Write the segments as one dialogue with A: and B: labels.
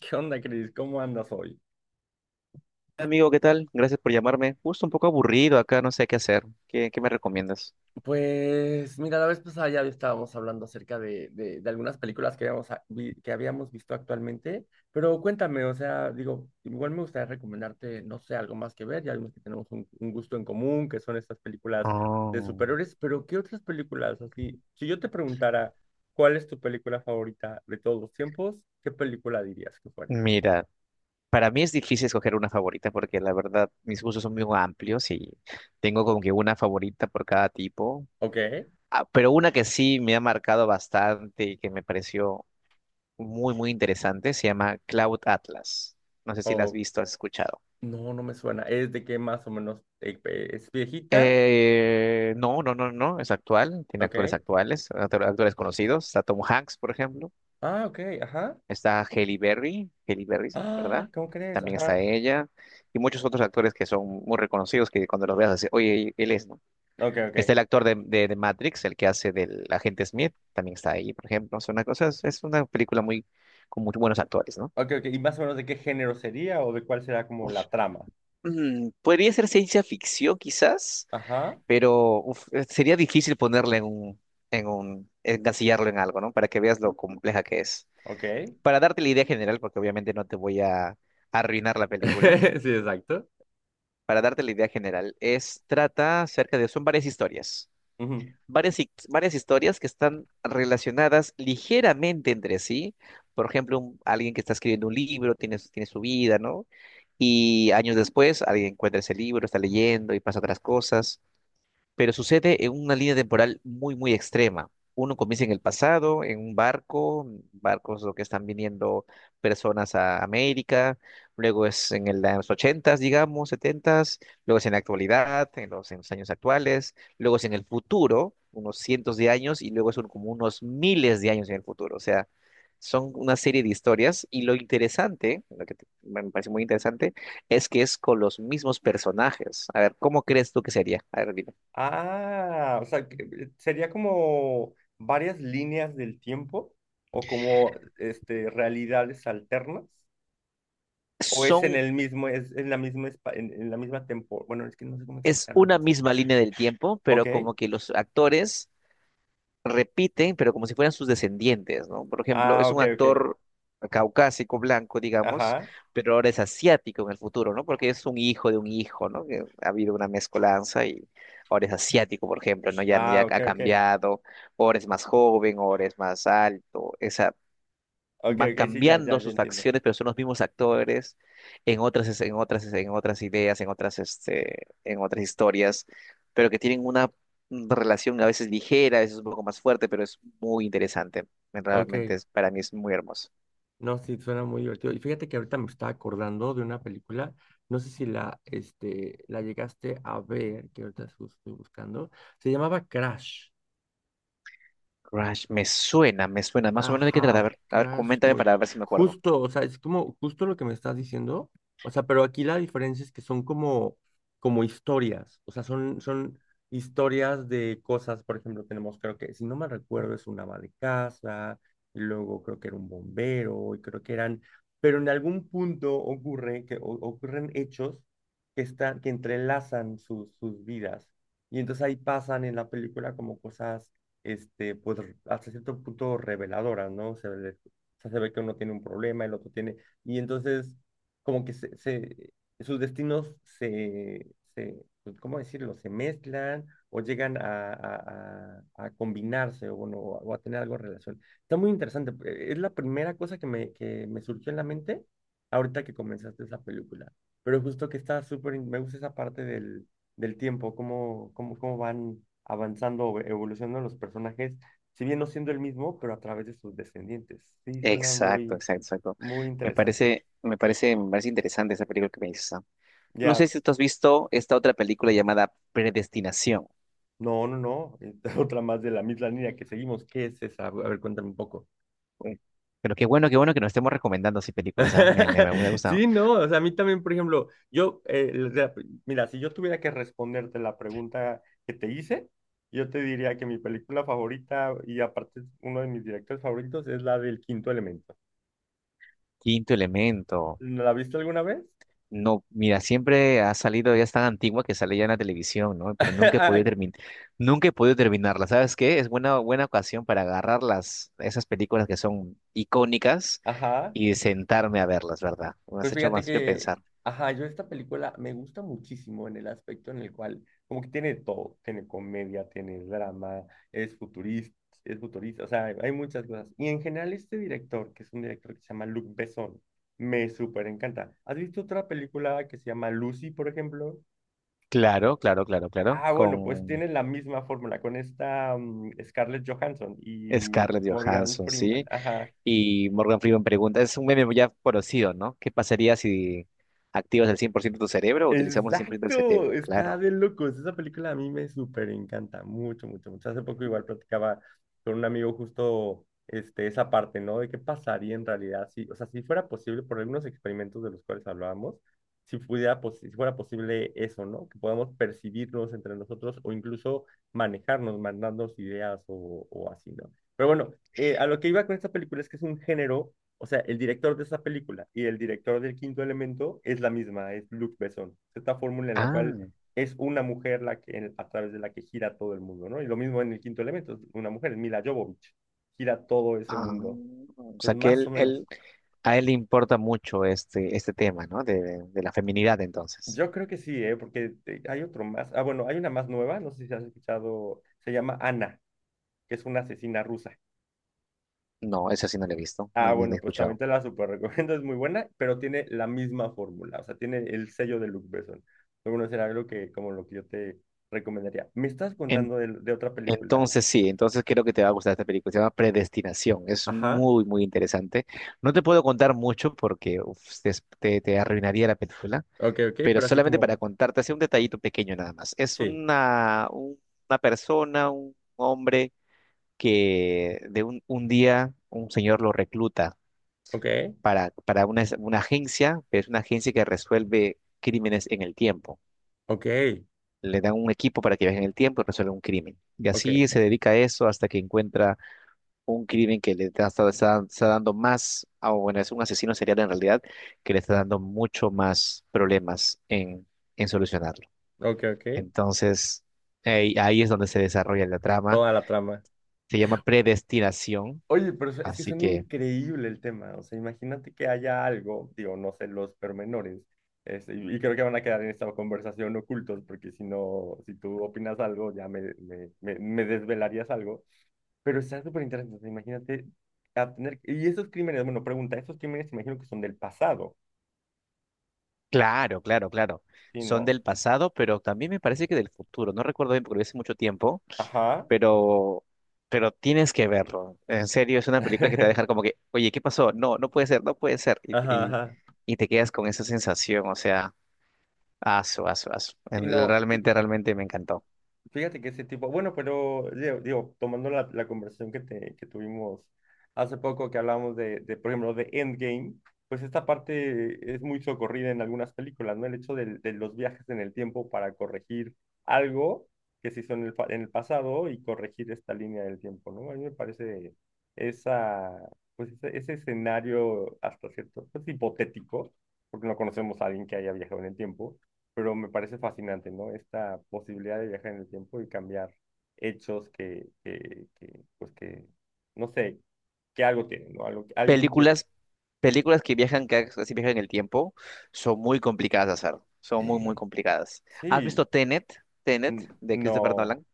A: ¿Qué onda, Cris? ¿Cómo andas hoy?
B: Amigo, ¿qué tal? Gracias por llamarme. Justo un poco aburrido acá, no sé qué hacer. ¿Qué me recomiendas?
A: Pues mira, la vez pasada ya estábamos hablando acerca de algunas películas que habíamos, que habíamos visto actualmente, pero cuéntame, o sea, digo, igual me gustaría recomendarte, no sé, algo más que ver, ya vimos que tenemos un gusto en común, que son estas películas de
B: Oh,
A: superhéroes, pero ¿qué otras películas? Así, si yo te preguntara, ¿cuál es tu película favorita de todos los tiempos? ¿Qué película dirías que fuera?
B: mira, para mí es difícil escoger una favorita porque la verdad mis gustos son muy amplios y tengo como que una favorita por cada tipo.
A: ¿Ok?
B: Ah, pero una que sí me ha marcado bastante y que me pareció muy, muy interesante se llama Cloud Atlas. No sé si la has
A: ¿O
B: visto, has escuchado.
A: no, no me suena? ¿Es de qué más o menos es viejita?
B: No, no, no, no, es actual, tiene actores
A: Ok.
B: actuales, actores conocidos, está Tom Hanks, por ejemplo.
A: Ah, ok, ajá.
B: Está Halle Berry, Halle Berry, ¿verdad?
A: Ah, ¿cómo crees?
B: También está
A: Ajá.
B: ella. Y muchos otros actores que son muy reconocidos que cuando los veas así, oye, él es, ¿no?
A: Ok,
B: Está
A: ok.
B: el actor de Matrix, el que hace del agente Smith, también está ahí, por ejemplo. Es una cosa, es una película muy, con muy buenos actores, ¿no?
A: Ok, ok. ¿Y más o menos de qué género sería o de cuál será como la trama?
B: Podría ser ciencia ficción quizás,
A: Ajá.
B: pero uf, sería difícil ponerle en un, encasillarlo en algo, ¿no? Para que veas lo compleja que es.
A: Ok.
B: Para darte la idea general, porque obviamente no te voy a arruinar la película.
A: Sí, exacto.
B: Para darte la idea general, es trata acerca de, son varias historias,
A: Ujú.
B: varias historias que están relacionadas ligeramente entre sí. Por ejemplo, alguien que está escribiendo un libro, tiene su vida, ¿no? Y años después, alguien encuentra ese libro, está leyendo y pasa otras cosas pero sucede en una línea temporal muy, muy extrema. Uno comienza en el pasado, en un barco, barcos lo que están viniendo personas a América, luego es en los ochentas, digamos, setentas, luego es en la actualidad, en los años actuales, luego es en el futuro, unos cientos de años, y luego son como unos miles de años en el futuro. O sea, son una serie de historias y lo interesante, me parece muy interesante, es que es con los mismos personajes. A ver, ¿cómo crees tú que sería? A ver,
A: Ah, o sea, sería como varias líneas del tiempo o como este realidades alternas o es en
B: son,
A: el mismo es en la misma en la misma tempo, bueno, es que no sé cómo
B: es
A: explicarlo
B: una
A: entonces.
B: misma línea del tiempo,
A: Ok.
B: pero como que los actores repiten, pero como si fueran sus descendientes, ¿no? Por ejemplo,
A: Ah,
B: es
A: ok,
B: un
A: ok.
B: actor caucásico, blanco, digamos,
A: Ajá.
B: pero ahora es asiático en el futuro, ¿no? Porque es un hijo de un hijo, ¿no? Que ha habido una mezcolanza y ahora es asiático, por ejemplo, ¿no? Ya, ya
A: Ah, ok,
B: ha
A: ok.
B: cambiado, ahora es más joven, ahora es más alto, es
A: Ok,
B: van
A: ok, sí, ya, ya,
B: cambiando
A: ya
B: sus
A: entiendo.
B: facciones, pero son los mismos actores en otras, en otras ideas, en otras historias, pero que tienen una relación a veces ligera, a veces un poco más fuerte, pero es muy interesante. Realmente
A: Ok,
B: es, para mí es muy hermoso.
A: no, sí, suena muy divertido. Y fíjate que ahorita me estaba acordando de una película, no sé si la, este, la llegaste a ver, que ahorita estoy buscando, se llamaba Crash.
B: Crash, me suena, me suena. Más o menos de qué trata.
A: Ajá,
B: A ver,
A: Crash.
B: coméntame
A: Muy…
B: para ver si me acuerdo.
A: Justo, o sea, es como justo lo que me estás diciendo. O sea, pero aquí la diferencia es que son como, como historias. O sea, son historias de cosas. Por ejemplo, tenemos, creo que, si no me recuerdo, es un ama de casa, y luego creo que era un bombero, y creo que eran. Pero en algún punto ocurre que ocurren hechos que están, que entrelazan sus vidas. Y entonces ahí pasan en la película como cosas este, pues hasta cierto punto reveladoras, ¿no? O sea, se ve que uno tiene un problema, el otro tiene, y entonces como que sus destinos se pues, ¿cómo decirlo? Se mezclan o llegan a combinarse o, bueno, o a tener algo en relación. Está muy interesante, es la primera cosa que que me surgió en la mente ahorita que comenzaste esa película, pero justo que está súper, me gusta esa parte del tiempo, cómo van avanzando o evolucionando los personajes, si bien no siendo el mismo, pero a través de sus descendientes. Sí, suena
B: Exacto,
A: muy,
B: exacto, exacto.
A: muy
B: Me
A: interesante.
B: parece, me parece, me parece interesante esa película que me dices. ¿Ah? No
A: Ya,
B: sé si tú has visto esta otra película llamada Predestinación.
A: no, esta otra más de la misma línea que seguimos. ¿Qué es esa? A ver, cuéntame un poco.
B: Uy, pero qué bueno que nos estemos recomendando así películas, ¿ah? Me ha gustado.
A: Sí, no, o sea, a mí también, por ejemplo, yo, mira, si yo tuviera que responderte la pregunta que te hice, yo te diría que mi película favorita y aparte uno de mis directores favoritos es la del Quinto Elemento.
B: Quinto Elemento.
A: ¿No la viste alguna vez?
B: No, mira, siempre ha salido, ya es tan antigua que sale ya en la televisión, ¿no? Pero nunca he podido
A: Ay.
B: terminar, nunca he podido terminarla. ¿Sabes qué? Es buena, buena ocasión para agarrar las, esas películas que son icónicas
A: Ajá.
B: y sentarme a verlas, ¿verdad?
A: Pues
B: Me
A: fíjate
B: has hecho
A: que,
B: pensar.
A: ajá, yo esta película me gusta muchísimo en el aspecto en el cual, como que tiene todo, tiene comedia, tiene drama, es futurista, es futurista, o sea, hay muchas cosas. Y en general este director, que es un director que se llama Luc Besson, me súper encanta. ¿Has visto otra película que se llama Lucy, por ejemplo?
B: Claro, claro, claro, claro.
A: Ah, bueno, pues
B: Con
A: tiene la misma fórmula con esta Scarlett Johansson y
B: Scarlett
A: Morgan
B: Johansson,
A: Freeman.
B: sí.
A: Ajá.
B: Y Morgan Freeman pregunta, es un meme ya conocido, ¿no? ¿Qué pasaría si activas el 100% de tu cerebro o utilizamos el 100% del
A: Exacto,
B: cerebro?
A: está
B: Claro.
A: de locos. Esa película a mí me súper encanta, mucho, mucho, mucho. Hace poco igual platicaba con un amigo justo este, esa parte, ¿no? De qué pasaría en realidad si, o sea, si fuera posible, por algunos experimentos de los cuales hablábamos, si pudiera, si fuera posible eso, ¿no? Que podamos percibirnos entre nosotros o incluso manejarnos, mandarnos ideas o así, ¿no? Pero bueno, a lo que iba con esta película es que es un género o sea, el director de esa película y el director del Quinto Elemento es la misma, es Luc Besson. Esta fórmula en la cual
B: Ah,
A: es una mujer la que, a través de la que gira todo el mundo, ¿no? Y lo mismo en el Quinto Elemento, es una mujer, es Mila Jovovich, gira todo ese
B: ah.
A: mundo.
B: O sea
A: Entonces,
B: que
A: más o menos.
B: a él le importa mucho este, este tema, ¿no? De la feminidad, entonces.
A: Yo creo que sí, ¿eh? Porque hay otro más. Ah, bueno, hay una más nueva, no sé si has escuchado, se llama Ana, que es una asesina rusa.
B: No, eso sí no lo he visto,
A: Ah,
B: ni he
A: bueno, pues también
B: escuchado.
A: te la súper recomiendo, es muy buena, pero tiene la misma fórmula, o sea, tiene el sello de Luc Besson. Bueno, será algo que, como lo que yo te recomendaría. Me estás
B: En-
A: contando de otra película.
B: entonces sí, entonces creo que te va a gustar esta película. Se llama Predestinación. Es
A: Ajá,
B: muy, muy interesante. No te puedo contar mucho porque uf, te te arruinaría la película
A: ok, ok,
B: pero
A: pero así
B: solamente para
A: como,
B: contarte, así un detallito pequeño nada más. Es
A: sí,
B: una, una persona, un hombre que un día un señor lo recluta
A: ok,
B: para, una agencia, pero es una agencia que resuelve crímenes en el tiempo.
A: ok,
B: Le dan un equipo para que viaje en el tiempo y resuelva un crimen. Y
A: ok,
B: así se dedica a eso hasta que encuentra un crimen que está, está dando más, ah, bueno, es un asesino serial en realidad, que le está dando mucho más problemas en solucionarlo.
A: ok, ok,
B: Entonces, ahí es donde se desarrolla la trama.
A: toda la trama.
B: Se llama Predestinación.
A: Oye, pero es que
B: Así
A: son
B: que,
A: increíble el tema. O sea, imagínate que haya algo, digo, no sé los pormenores, este, y creo que van a quedar en esta conversación ocultos, porque si no, si tú opinas algo, ya me desvelarías algo. Pero está súper interesante. O sea, imagínate a tener. Y esos crímenes, bueno, pregunta, esos crímenes imagino que son del pasado,
B: claro, claro, claro.
A: ¿sí,
B: Son
A: no?
B: del pasado, pero también me parece que del futuro. No recuerdo bien porque lo vi hace mucho tiempo,
A: Ajá.
B: pero, tienes que verlo. En serio, es una película que te va a dejar como que, oye, ¿qué pasó? No, no puede ser, no puede ser.
A: Ajá,
B: Y,
A: ajá.
B: y te quedas con esa sensación, o sea, aso, aso, aso.
A: Sí, no.
B: Realmente, realmente me encantó.
A: Fíjate que ese tipo, bueno, pero digo, tomando la conversación que, que tuvimos hace poco, que hablábamos de, por ejemplo, de Endgame, pues esta parte es muy socorrida en algunas películas, ¿no? El hecho de los viajes en el tiempo para corregir algo que se hizo en el, en el pasado y corregir esta línea del tiempo, ¿no? A mí me parece esa, pues ese escenario hasta cierto, pues hipotético, porque no conocemos a alguien que haya viajado en el tiempo pero me parece fascinante, ¿no? Esta posibilidad de viajar en el tiempo y cambiar hechos que, pues que, no sé, que algo tienen, ¿no? Algo que alguien quiere.
B: Películas, películas que viajan, que así viajan en el tiempo, son muy complicadas de hacer. Son muy, muy complicadas. ¿Has visto
A: Sí,
B: Tenet? Tenet, de Christopher
A: no,
B: Nolan.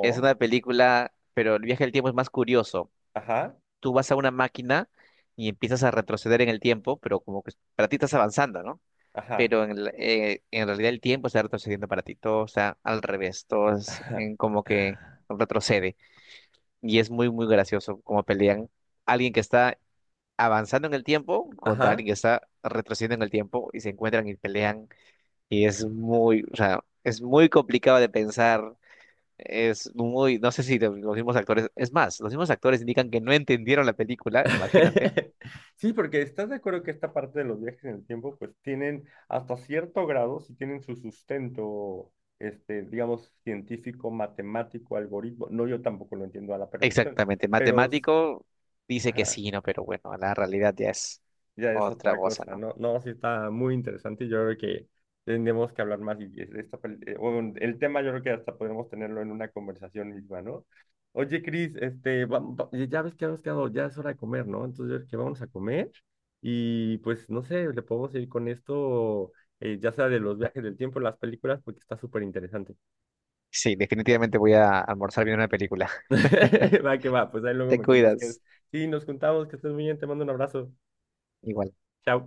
B: Es una película, pero el viaje del tiempo es más curioso.
A: ajá,
B: Tú vas a una máquina y empiezas a retroceder en el tiempo, pero como que para ti estás avanzando, ¿no?
A: ajá,
B: Pero en realidad el tiempo está retrocediendo para ti. Todo está al revés. Todo es en como que
A: ajá,
B: retrocede. Y es muy, muy gracioso como pelean alguien que está avanzando en el tiempo contra
A: ajá,
B: alguien que está retrocediendo en el tiempo y se encuentran y pelean. Y es muy, o sea, es muy complicado de pensar. Es muy, no sé si los mismos actores, es más, los mismos actores indican que no entendieron la película, imagínate.
A: sí, porque estás de acuerdo que esta parte de los viajes en el tiempo, pues tienen hasta cierto grado, si tienen su sustento, este, digamos, científico, matemático, algoritmo. No, yo tampoco lo entiendo a la perfección,
B: Exactamente,
A: pero,
B: matemático dice que
A: ajá,
B: sí, ¿no? Pero bueno, la realidad ya es
A: ya es
B: otra
A: otra
B: cosa,
A: cosa,
B: ¿no?
A: ¿no? No, sí está muy interesante y yo creo que tendremos que hablar más y esta, bueno, el tema yo creo que hasta podemos tenerlo en una conversación misma, ¿no? Oye, Cris, este, ya ya ves que habíamos quedado, ya es hora de comer, ¿no? Entonces yo creo que vamos a comer y pues no sé, le podemos ir con esto, ya sea de los viajes del tiempo, las películas, porque está súper interesante.
B: Sí, definitivamente voy a almorzar viendo una película.
A: Va que va, pues ahí luego
B: Te
A: me cuentas qué es.
B: cuidas.
A: Sí, nos juntamos, que estés muy bien, te mando un abrazo.
B: Igual.
A: Chao.